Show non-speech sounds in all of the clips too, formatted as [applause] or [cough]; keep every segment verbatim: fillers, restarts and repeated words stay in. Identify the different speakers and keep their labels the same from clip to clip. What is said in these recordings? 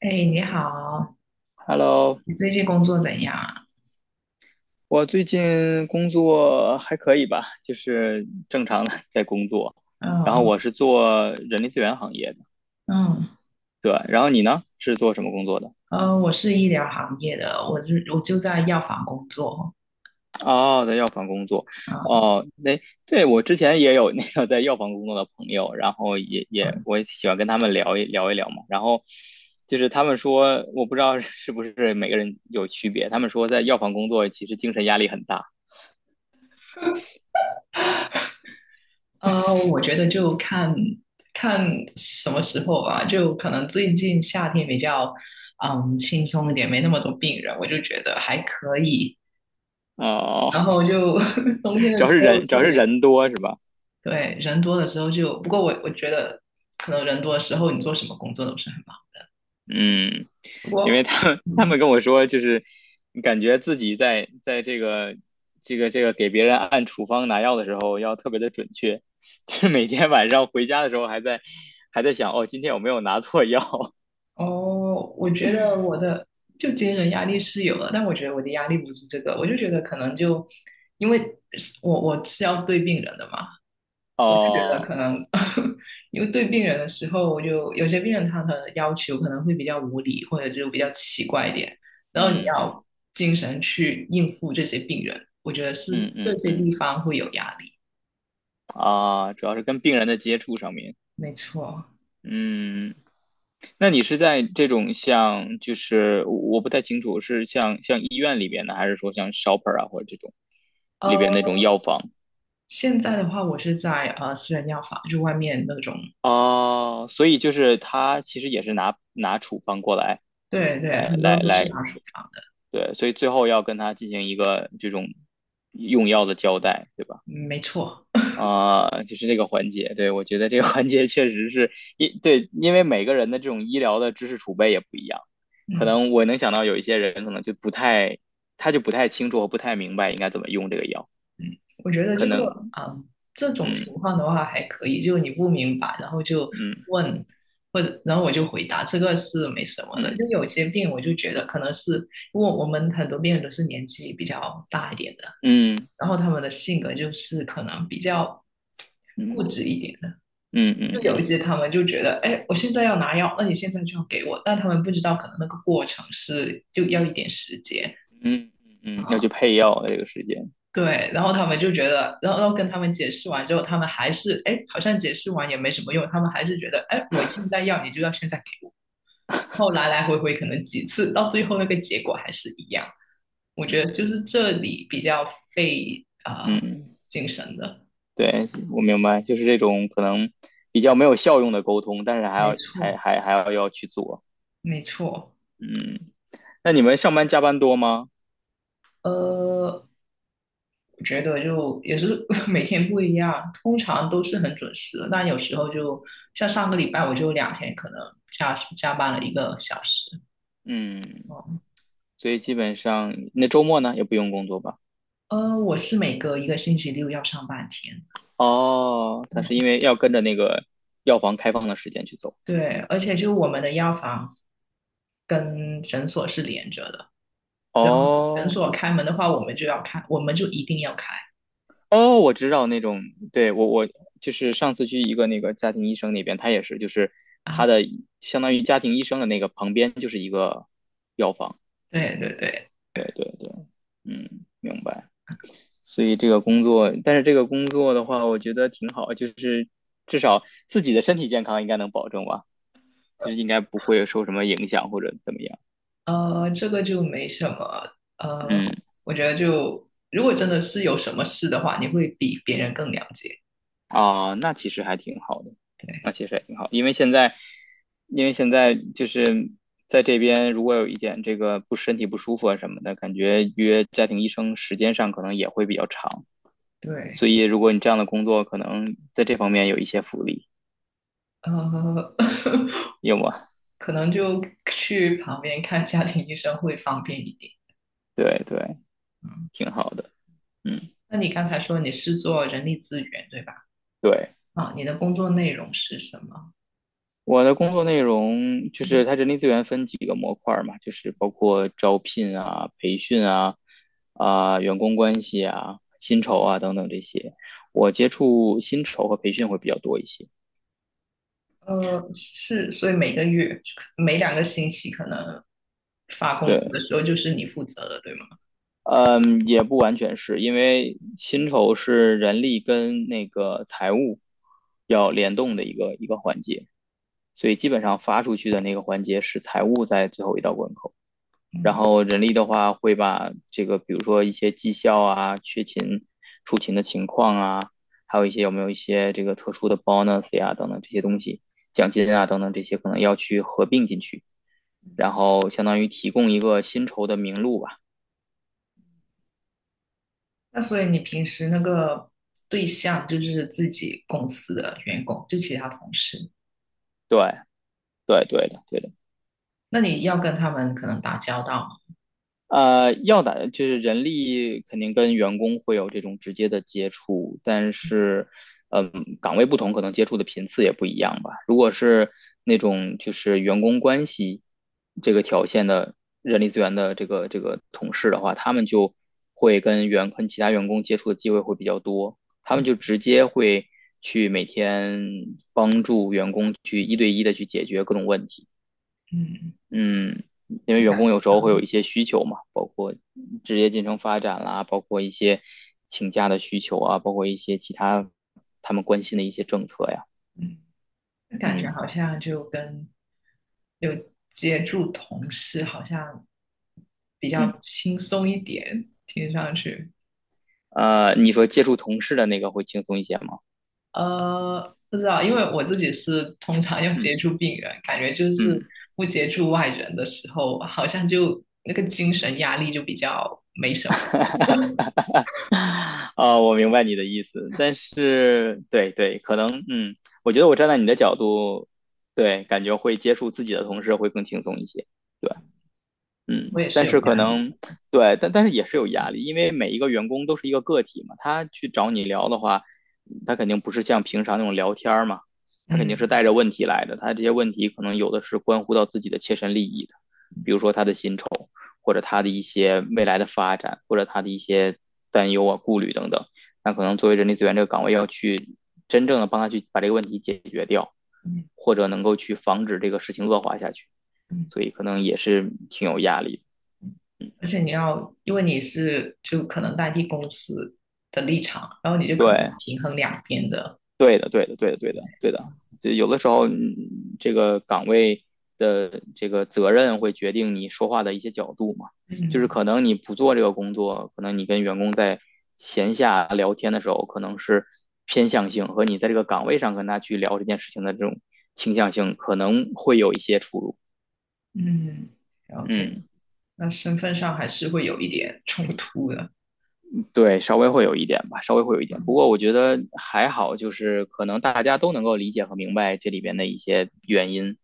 Speaker 1: 哎，你好，
Speaker 2: Hello，
Speaker 1: 你最近工作怎样啊？
Speaker 2: 我最近工作还可以吧，就是正常的 [laughs] 在工作。然后
Speaker 1: 嗯
Speaker 2: 我是做人力资源行业的，
Speaker 1: 嗯。
Speaker 2: 对。然后你呢，是做什么工作的？
Speaker 1: 呃，我是医疗行业的，我就我就在药房工作。
Speaker 2: 哦，在药房工作。
Speaker 1: 啊。
Speaker 2: 哦，那对我之前也有那个在药房工作的朋友，然后也也我也喜欢跟他们聊一聊一聊嘛。然后就是他们说，我不知道 [laughs] 是不是每个人有区别，他们说在药房工作其实精神压力很大。
Speaker 1: 呃，我觉得就看看什么时候吧，就可能最近夏天比较嗯轻松一点，没那么多病人，我就觉得还可以。
Speaker 2: 哦，
Speaker 1: 然后就 [laughs] 冬天
Speaker 2: [laughs] 主
Speaker 1: 的
Speaker 2: 要
Speaker 1: 时
Speaker 2: 是
Speaker 1: 候
Speaker 2: 人，主
Speaker 1: 特
Speaker 2: 要是
Speaker 1: 别
Speaker 2: 人多是吧？
Speaker 1: 对。人多的时候就，不过我我觉得可能人多的时候你做什么工作都不是很忙。
Speaker 2: 嗯，因
Speaker 1: 我
Speaker 2: 为他们他
Speaker 1: 嗯。
Speaker 2: 们跟我说，就是感觉自己在在这个这个这个给别人按处方拿药的时候要特别的准确，[laughs] 就是每天晚上回家的时候还在还在想，哦，今天有没有拿错药？
Speaker 1: 哦，我觉得我的就精神压力是有了，但我觉得我的压力不是这个，我就觉得可能就因为是我我是要对病人的嘛，
Speaker 2: [laughs]
Speaker 1: 我就觉得
Speaker 2: 哦，
Speaker 1: 可能 [laughs] 因为对病人的时候，我就有些病人他的要求可能会比较无理，或者就比较奇怪一点，然后你
Speaker 2: 嗯
Speaker 1: 要精神去应付这些病人，我觉得是
Speaker 2: 嗯
Speaker 1: 这
Speaker 2: 嗯
Speaker 1: 些
Speaker 2: 嗯，
Speaker 1: 地方会有压力，
Speaker 2: 啊，主要是跟病人的接触上面，
Speaker 1: 没错。
Speaker 2: 嗯。那你是在这种像，就是我我不太清楚，是像像医院里边的，还是说像 shopper 啊，或者这种里
Speaker 1: 呃，
Speaker 2: 边那种药房？
Speaker 1: 现在的话，我是在呃私人药房，就外面那种。
Speaker 2: 哦，所以就是他其实也是拿拿处方过来，
Speaker 1: 对对，
Speaker 2: 来
Speaker 1: 很多
Speaker 2: 来
Speaker 1: 都是
Speaker 2: 来，
Speaker 1: 拿处方的，
Speaker 2: 对，所以最后要跟他进行一个这种用药的交代，对吧？
Speaker 1: 嗯，没错。
Speaker 2: 啊、就是这个环节，对，我觉得这个环节确实是一对，因为每个人的这种医疗的知识储备也不一样，可
Speaker 1: 嗯，
Speaker 2: 能我能想到有一些人可能就不太，他就不太清楚和不太明白应该怎么用这个药，
Speaker 1: 我觉得
Speaker 2: 可
Speaker 1: 这个
Speaker 2: 能，
Speaker 1: 啊、这种情况的话还可以，就你不明白，然后就问，或者然后我就回答，这个是没什么的。就
Speaker 2: 嗯
Speaker 1: 有些病，我就觉得可能是因为我们很多病人都是年纪比较大一点的，
Speaker 2: 嗯
Speaker 1: 然后他们的性格就是可能比较固
Speaker 2: 嗯
Speaker 1: 执一点的。
Speaker 2: 嗯嗯嗯嗯嗯嗯。嗯
Speaker 1: 就有一
Speaker 2: 嗯嗯
Speaker 1: 些他们就觉得，哎，我现在要拿药，那你现在就要给我，但他们不知道可能那个过程是就要一点时间。
Speaker 2: 嗯嗯嗯，要去
Speaker 1: 啊。
Speaker 2: 配药的这个时间，
Speaker 1: 对，然后他们就觉得，然后然后跟他们解释完之后，他们还是，哎，好像解释完也没什么用，他们还是觉得，哎，我现在要，你就要现在给我。然后来来回回可能几次，到最后那个结果还是一样。我
Speaker 2: 嗯
Speaker 1: 觉得就是这里比较费啊、呃
Speaker 2: 嗯，
Speaker 1: 精神的，
Speaker 2: 对，我明白，就是这种可能比较没有效用的沟通，但是还
Speaker 1: 没
Speaker 2: 要还
Speaker 1: 错，
Speaker 2: 还还要要去做，
Speaker 1: 没错。
Speaker 2: 嗯，那你们上班加班多吗？
Speaker 1: 呃，我觉得就也是 [laughs] 每天不一样，通常都是很准时的，但有时候就像上个礼拜，我就两天可能加加班了一个小时。
Speaker 2: 嗯，
Speaker 1: 哦。
Speaker 2: 所以基本上那周末呢也不用工作吧？
Speaker 1: 呃，我是每隔一个星期六要上半天。
Speaker 2: 哦，他是
Speaker 1: 嗯，
Speaker 2: 因为要跟着那个药房开放的时间去走。
Speaker 1: 对，而且就是我们的药房跟诊所是连着的，然后诊
Speaker 2: 哦，
Speaker 1: 所开门的话，我们就要开，我们就一定要开
Speaker 2: 哦，我知道那种，对，我我就是上次去一个那个家庭医生那边，他也是，就是他
Speaker 1: 啊。
Speaker 2: 的相当于家庭医生的那个旁边就是一个药房。
Speaker 1: 对对对，
Speaker 2: 对对对，嗯，明白。所以这个工作，但是这个工作的话，我觉得挺好，就是至少自己的身体健康应该能保证吧，就是应该不会受什么影响或者怎么样。
Speaker 1: 呃，这个就没什么，
Speaker 2: 嗯。
Speaker 1: 呃，我觉得就如果真的是有什么事的话，你会比别人更了解。
Speaker 2: 啊，那其实还挺好的，
Speaker 1: 对
Speaker 2: 那其实也挺好，因为现在，因为现在就是在这边，如果有一点这个不身体不舒服啊什么的，感觉约家庭医生时间上可能也会比较长，所
Speaker 1: 对，
Speaker 2: 以如果你这样的工作，可能在这方面有一些福利，
Speaker 1: 呃，
Speaker 2: 有吗？
Speaker 1: [laughs] 可能就去旁边看家庭医生会方便一点。
Speaker 2: 对对，
Speaker 1: 嗯，
Speaker 2: 挺好的，嗯，
Speaker 1: 那你刚才说你是做人力资源，对吧？
Speaker 2: 对。
Speaker 1: 啊，你的工作内容是什么？
Speaker 2: 我的工作内容就是它人力资源分几个模块儿嘛，就是包括招聘啊、培训啊、啊、员工关系啊、薪酬啊等等这些。我接触薪酬和培训会比较多一些。
Speaker 1: 呃，是，所以每个月、每两个星期可能发工资
Speaker 2: 对，
Speaker 1: 的时候就是你负责的，对吗？
Speaker 2: 嗯，也不完全是因为薪酬是人力跟那个财务要联动的一个一个环节，所以基本上发出去的那个环节是财务在最后一道关口。然
Speaker 1: 嗯，
Speaker 2: 后人力的话，会把这个，比如说一些绩效啊、缺勤、出勤的情况啊，还有一些有没有一些这个特殊的 bonus 呀、等等这些东西，奖金啊等等这些，可能要去合并进去，然后相当于提供一个薪酬的名录吧。
Speaker 1: 那所以你平时那个对象就是自己公司的员工，就其他同事，
Speaker 2: 对，对，对的，对的。
Speaker 1: 那你要跟他们可能打交道吗？
Speaker 2: 呃，要的，就是人力肯定跟员工会有这种直接的接触，但是，嗯，岗位不同，可能接触的频次也不一样吧。如果是那种就是员工关系这个条线的人力资源的这个这个同事的话，他们就会跟员跟其他员工接触的机会会比较多，他们就直接会去每天帮助员工去一对一的去解决各种问题。
Speaker 1: 嗯，
Speaker 2: 嗯，因为
Speaker 1: 那
Speaker 2: 员
Speaker 1: 感，
Speaker 2: 工有时候会有一些需求嘛。职业进程发展啦，包括一些请假的需求啊，包括一些其他他们关心的一些政策呀。
Speaker 1: 嗯，那感觉
Speaker 2: 嗯
Speaker 1: 好像就跟有接触同事好像比
Speaker 2: 嗯，
Speaker 1: 较轻松一点，听上去。
Speaker 2: 呃，你说接触同事的那个会轻松一些吗？
Speaker 1: 呃，不知道，因为我自己是通常要
Speaker 2: 嗯
Speaker 1: 接触病人，感觉就是
Speaker 2: 嗯。
Speaker 1: 不接触外人的时候，好像就那个精神压力就比较没什么。
Speaker 2: [laughs] 啊、我明白你的意思，但是对对，可能嗯，我觉得我站在你的角度，对，感觉会接触自己的同事会更轻松一些。对。
Speaker 1: 我
Speaker 2: 嗯，
Speaker 1: 也是
Speaker 2: 但是
Speaker 1: 有压
Speaker 2: 可
Speaker 1: 力
Speaker 2: 能
Speaker 1: 的，
Speaker 2: 对，但但是也是有压力，因为每一个员工都是一个个体嘛，他去找你聊的话，他肯定不是像平常那种聊天儿嘛，他肯定是
Speaker 1: 嗯
Speaker 2: 带着问题来的，他这些问题可能有的是关乎到自己的切身利益的，比如说他的薪酬，或者他的一些未来的发展，或者他的一些担忧啊、顾虑等等，那可能作为人力资源这个岗位要去真正的帮他去把这个问题解决掉，
Speaker 1: 嗯
Speaker 2: 或者能够去防止这个事情恶化下去，
Speaker 1: 嗯，
Speaker 2: 所以可能也是挺有压力的。
Speaker 1: 而且你要，因为你是就可能代替公司的立场，然后你就可能要
Speaker 2: 对，
Speaker 1: 平衡两边的，
Speaker 2: 对的，对的，对的，对的，对的。就有的时候，嗯这个岗位的这个责任会决定你说话的一些角度嘛。就是
Speaker 1: 嗯
Speaker 2: 可能你不做这个工作，可能你跟员工在闲下聊天的时候，可能是偏向性和你在这个岗位上跟他去聊这件事情的这种倾向性，可能会有一些出入。
Speaker 1: 嗯，了解。
Speaker 2: 嗯，
Speaker 1: 那身份上还是会有一点冲突的，
Speaker 2: 对，稍微会有一点吧，稍微会有一点。不过我觉得还好，就是可能大家都能够理解和明白这里边的一些原因。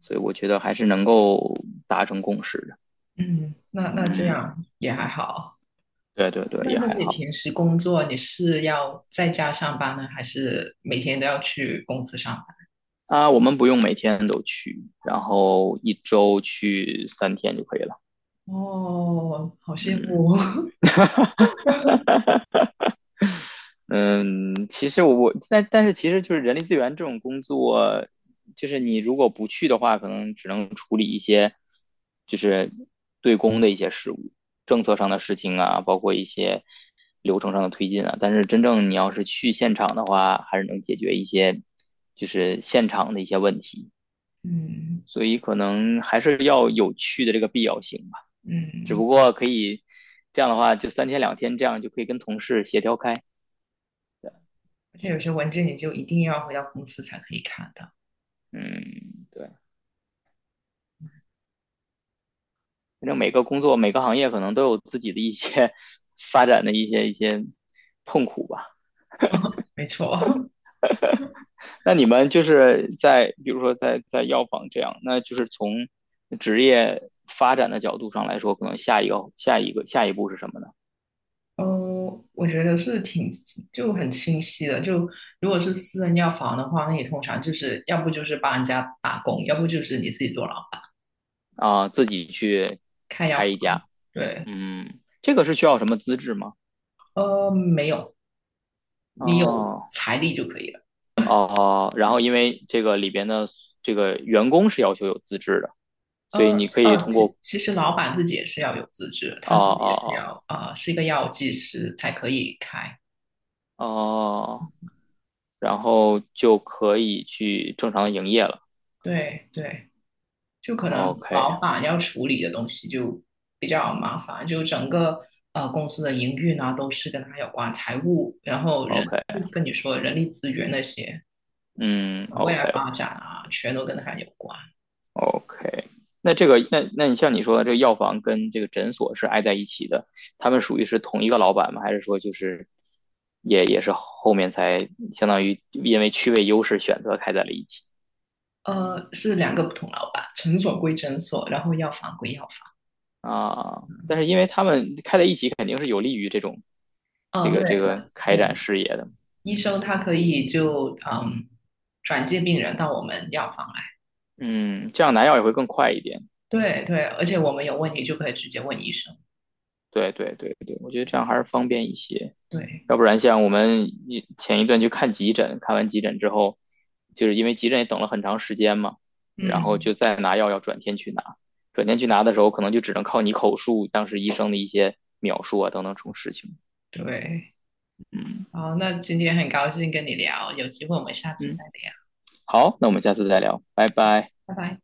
Speaker 2: 所以我觉得还是能够达成共识的。
Speaker 1: 嗯，那那这
Speaker 2: 嗯，
Speaker 1: 样也还好。
Speaker 2: 对对对，
Speaker 1: 那
Speaker 2: 也
Speaker 1: 那
Speaker 2: 还
Speaker 1: 你
Speaker 2: 好。
Speaker 1: 平时工作你是要在家上班呢，还是每天都要去公司上
Speaker 2: 啊，我们不用每天都去，然后一周去三天就可以了。
Speaker 1: 班？哦，好羡
Speaker 2: 嗯，
Speaker 1: 慕。[laughs]
Speaker 2: 嗯，其实我我但但是其实就是人力资源这种工作，就是你如果不去的话，可能只能处理一些就是对公的一些事务，政策上的事情啊，包括一些流程上的推进啊。但是真正你要是去现场的话，还是能解决一些就是现场的一些问题，
Speaker 1: 嗯
Speaker 2: 所以可能还是要有去的这个必要性吧。只
Speaker 1: 嗯，
Speaker 2: 不过可以这样的话，就三天两天这样就可以跟同事协调开。
Speaker 1: 而且有些文件你就一定要回到公司才可以看到。
Speaker 2: 嗯，对。反正每个工作、每个行业可能都有自己的一些 [laughs] 发展的一些一些痛苦吧。
Speaker 1: 没错。[laughs]
Speaker 2: 那你们就是在，比如说在在药房这样，那就是从职业发展的角度上来说，可能下一个下一个下一步是什么呢？
Speaker 1: 哦，我觉得是挺就很清晰的。就如果是私人药房的话，那你通常就是要不就是帮人家打工，要不就是你自己做老板
Speaker 2: 啊、呃自己去
Speaker 1: 开药
Speaker 2: 开一
Speaker 1: 房。
Speaker 2: 家，
Speaker 1: 对，
Speaker 2: 嗯，这个是需要什么资质吗？
Speaker 1: 呃，没有，你有
Speaker 2: 哦
Speaker 1: 财力就可以了。
Speaker 2: 哦，然后因为这个里边的这个员工是要求有资质的，所以
Speaker 1: 呃
Speaker 2: 你可以
Speaker 1: 呃，
Speaker 2: 通
Speaker 1: 其
Speaker 2: 过
Speaker 1: 其实老板自己也是要有资质，
Speaker 2: 哦
Speaker 1: 他自己也是
Speaker 2: 哦
Speaker 1: 要啊、呃是一个药剂师才可以开。
Speaker 2: 哦哦。哦然后就可以去正常营业了。
Speaker 1: 对对，就可能
Speaker 2: OK
Speaker 1: 老板要处理的东西就比较麻烦，就整个呃公司的营运啊都是跟他有关，财务，然后人
Speaker 2: OK，
Speaker 1: 跟你说人力资源那些，
Speaker 2: 嗯
Speaker 1: 呃未来
Speaker 2: ，OK
Speaker 1: 发展啊，全都跟他有关。
Speaker 2: OK。那这个，那那你像你说的，这个药房跟这个诊所是挨在一起的，他们属于是同一个老板吗？还是说就是也也是后面才相当于因为区位优势选择开在了一起
Speaker 1: 呃，是两个不同老板，诊所归诊所，然后药房归药房。
Speaker 2: 啊？
Speaker 1: 嗯，
Speaker 2: 但是因为他们开在一起，肯定是有利于这种这
Speaker 1: 哦，对
Speaker 2: 个这个
Speaker 1: 的，
Speaker 2: 开
Speaker 1: 对。
Speaker 2: 展事业的，
Speaker 1: 医
Speaker 2: 嗯
Speaker 1: 生他可以就嗯转介病人到我们药房来。
Speaker 2: 嗯，这样拿药也会更快一点。
Speaker 1: 对对，而且我们有问题就可以直接问医生。
Speaker 2: 对对对对，我觉得这样还是方便一些。
Speaker 1: 对，
Speaker 2: 要不然像我们一前一段去看急诊，看完急诊之后，就是因为急诊也等了很长时间嘛，然后
Speaker 1: 嗯，
Speaker 2: 就再拿药要转天去拿，转天去拿的时候可能就只能靠你口述当时医生的一些描述啊等等这种事情。
Speaker 1: 对。
Speaker 2: 嗯
Speaker 1: 好，那今天很高兴跟你聊，有机会我们下次
Speaker 2: 嗯，
Speaker 1: 再聊，
Speaker 2: 好，那我们下次再聊，拜拜。
Speaker 1: 拜拜。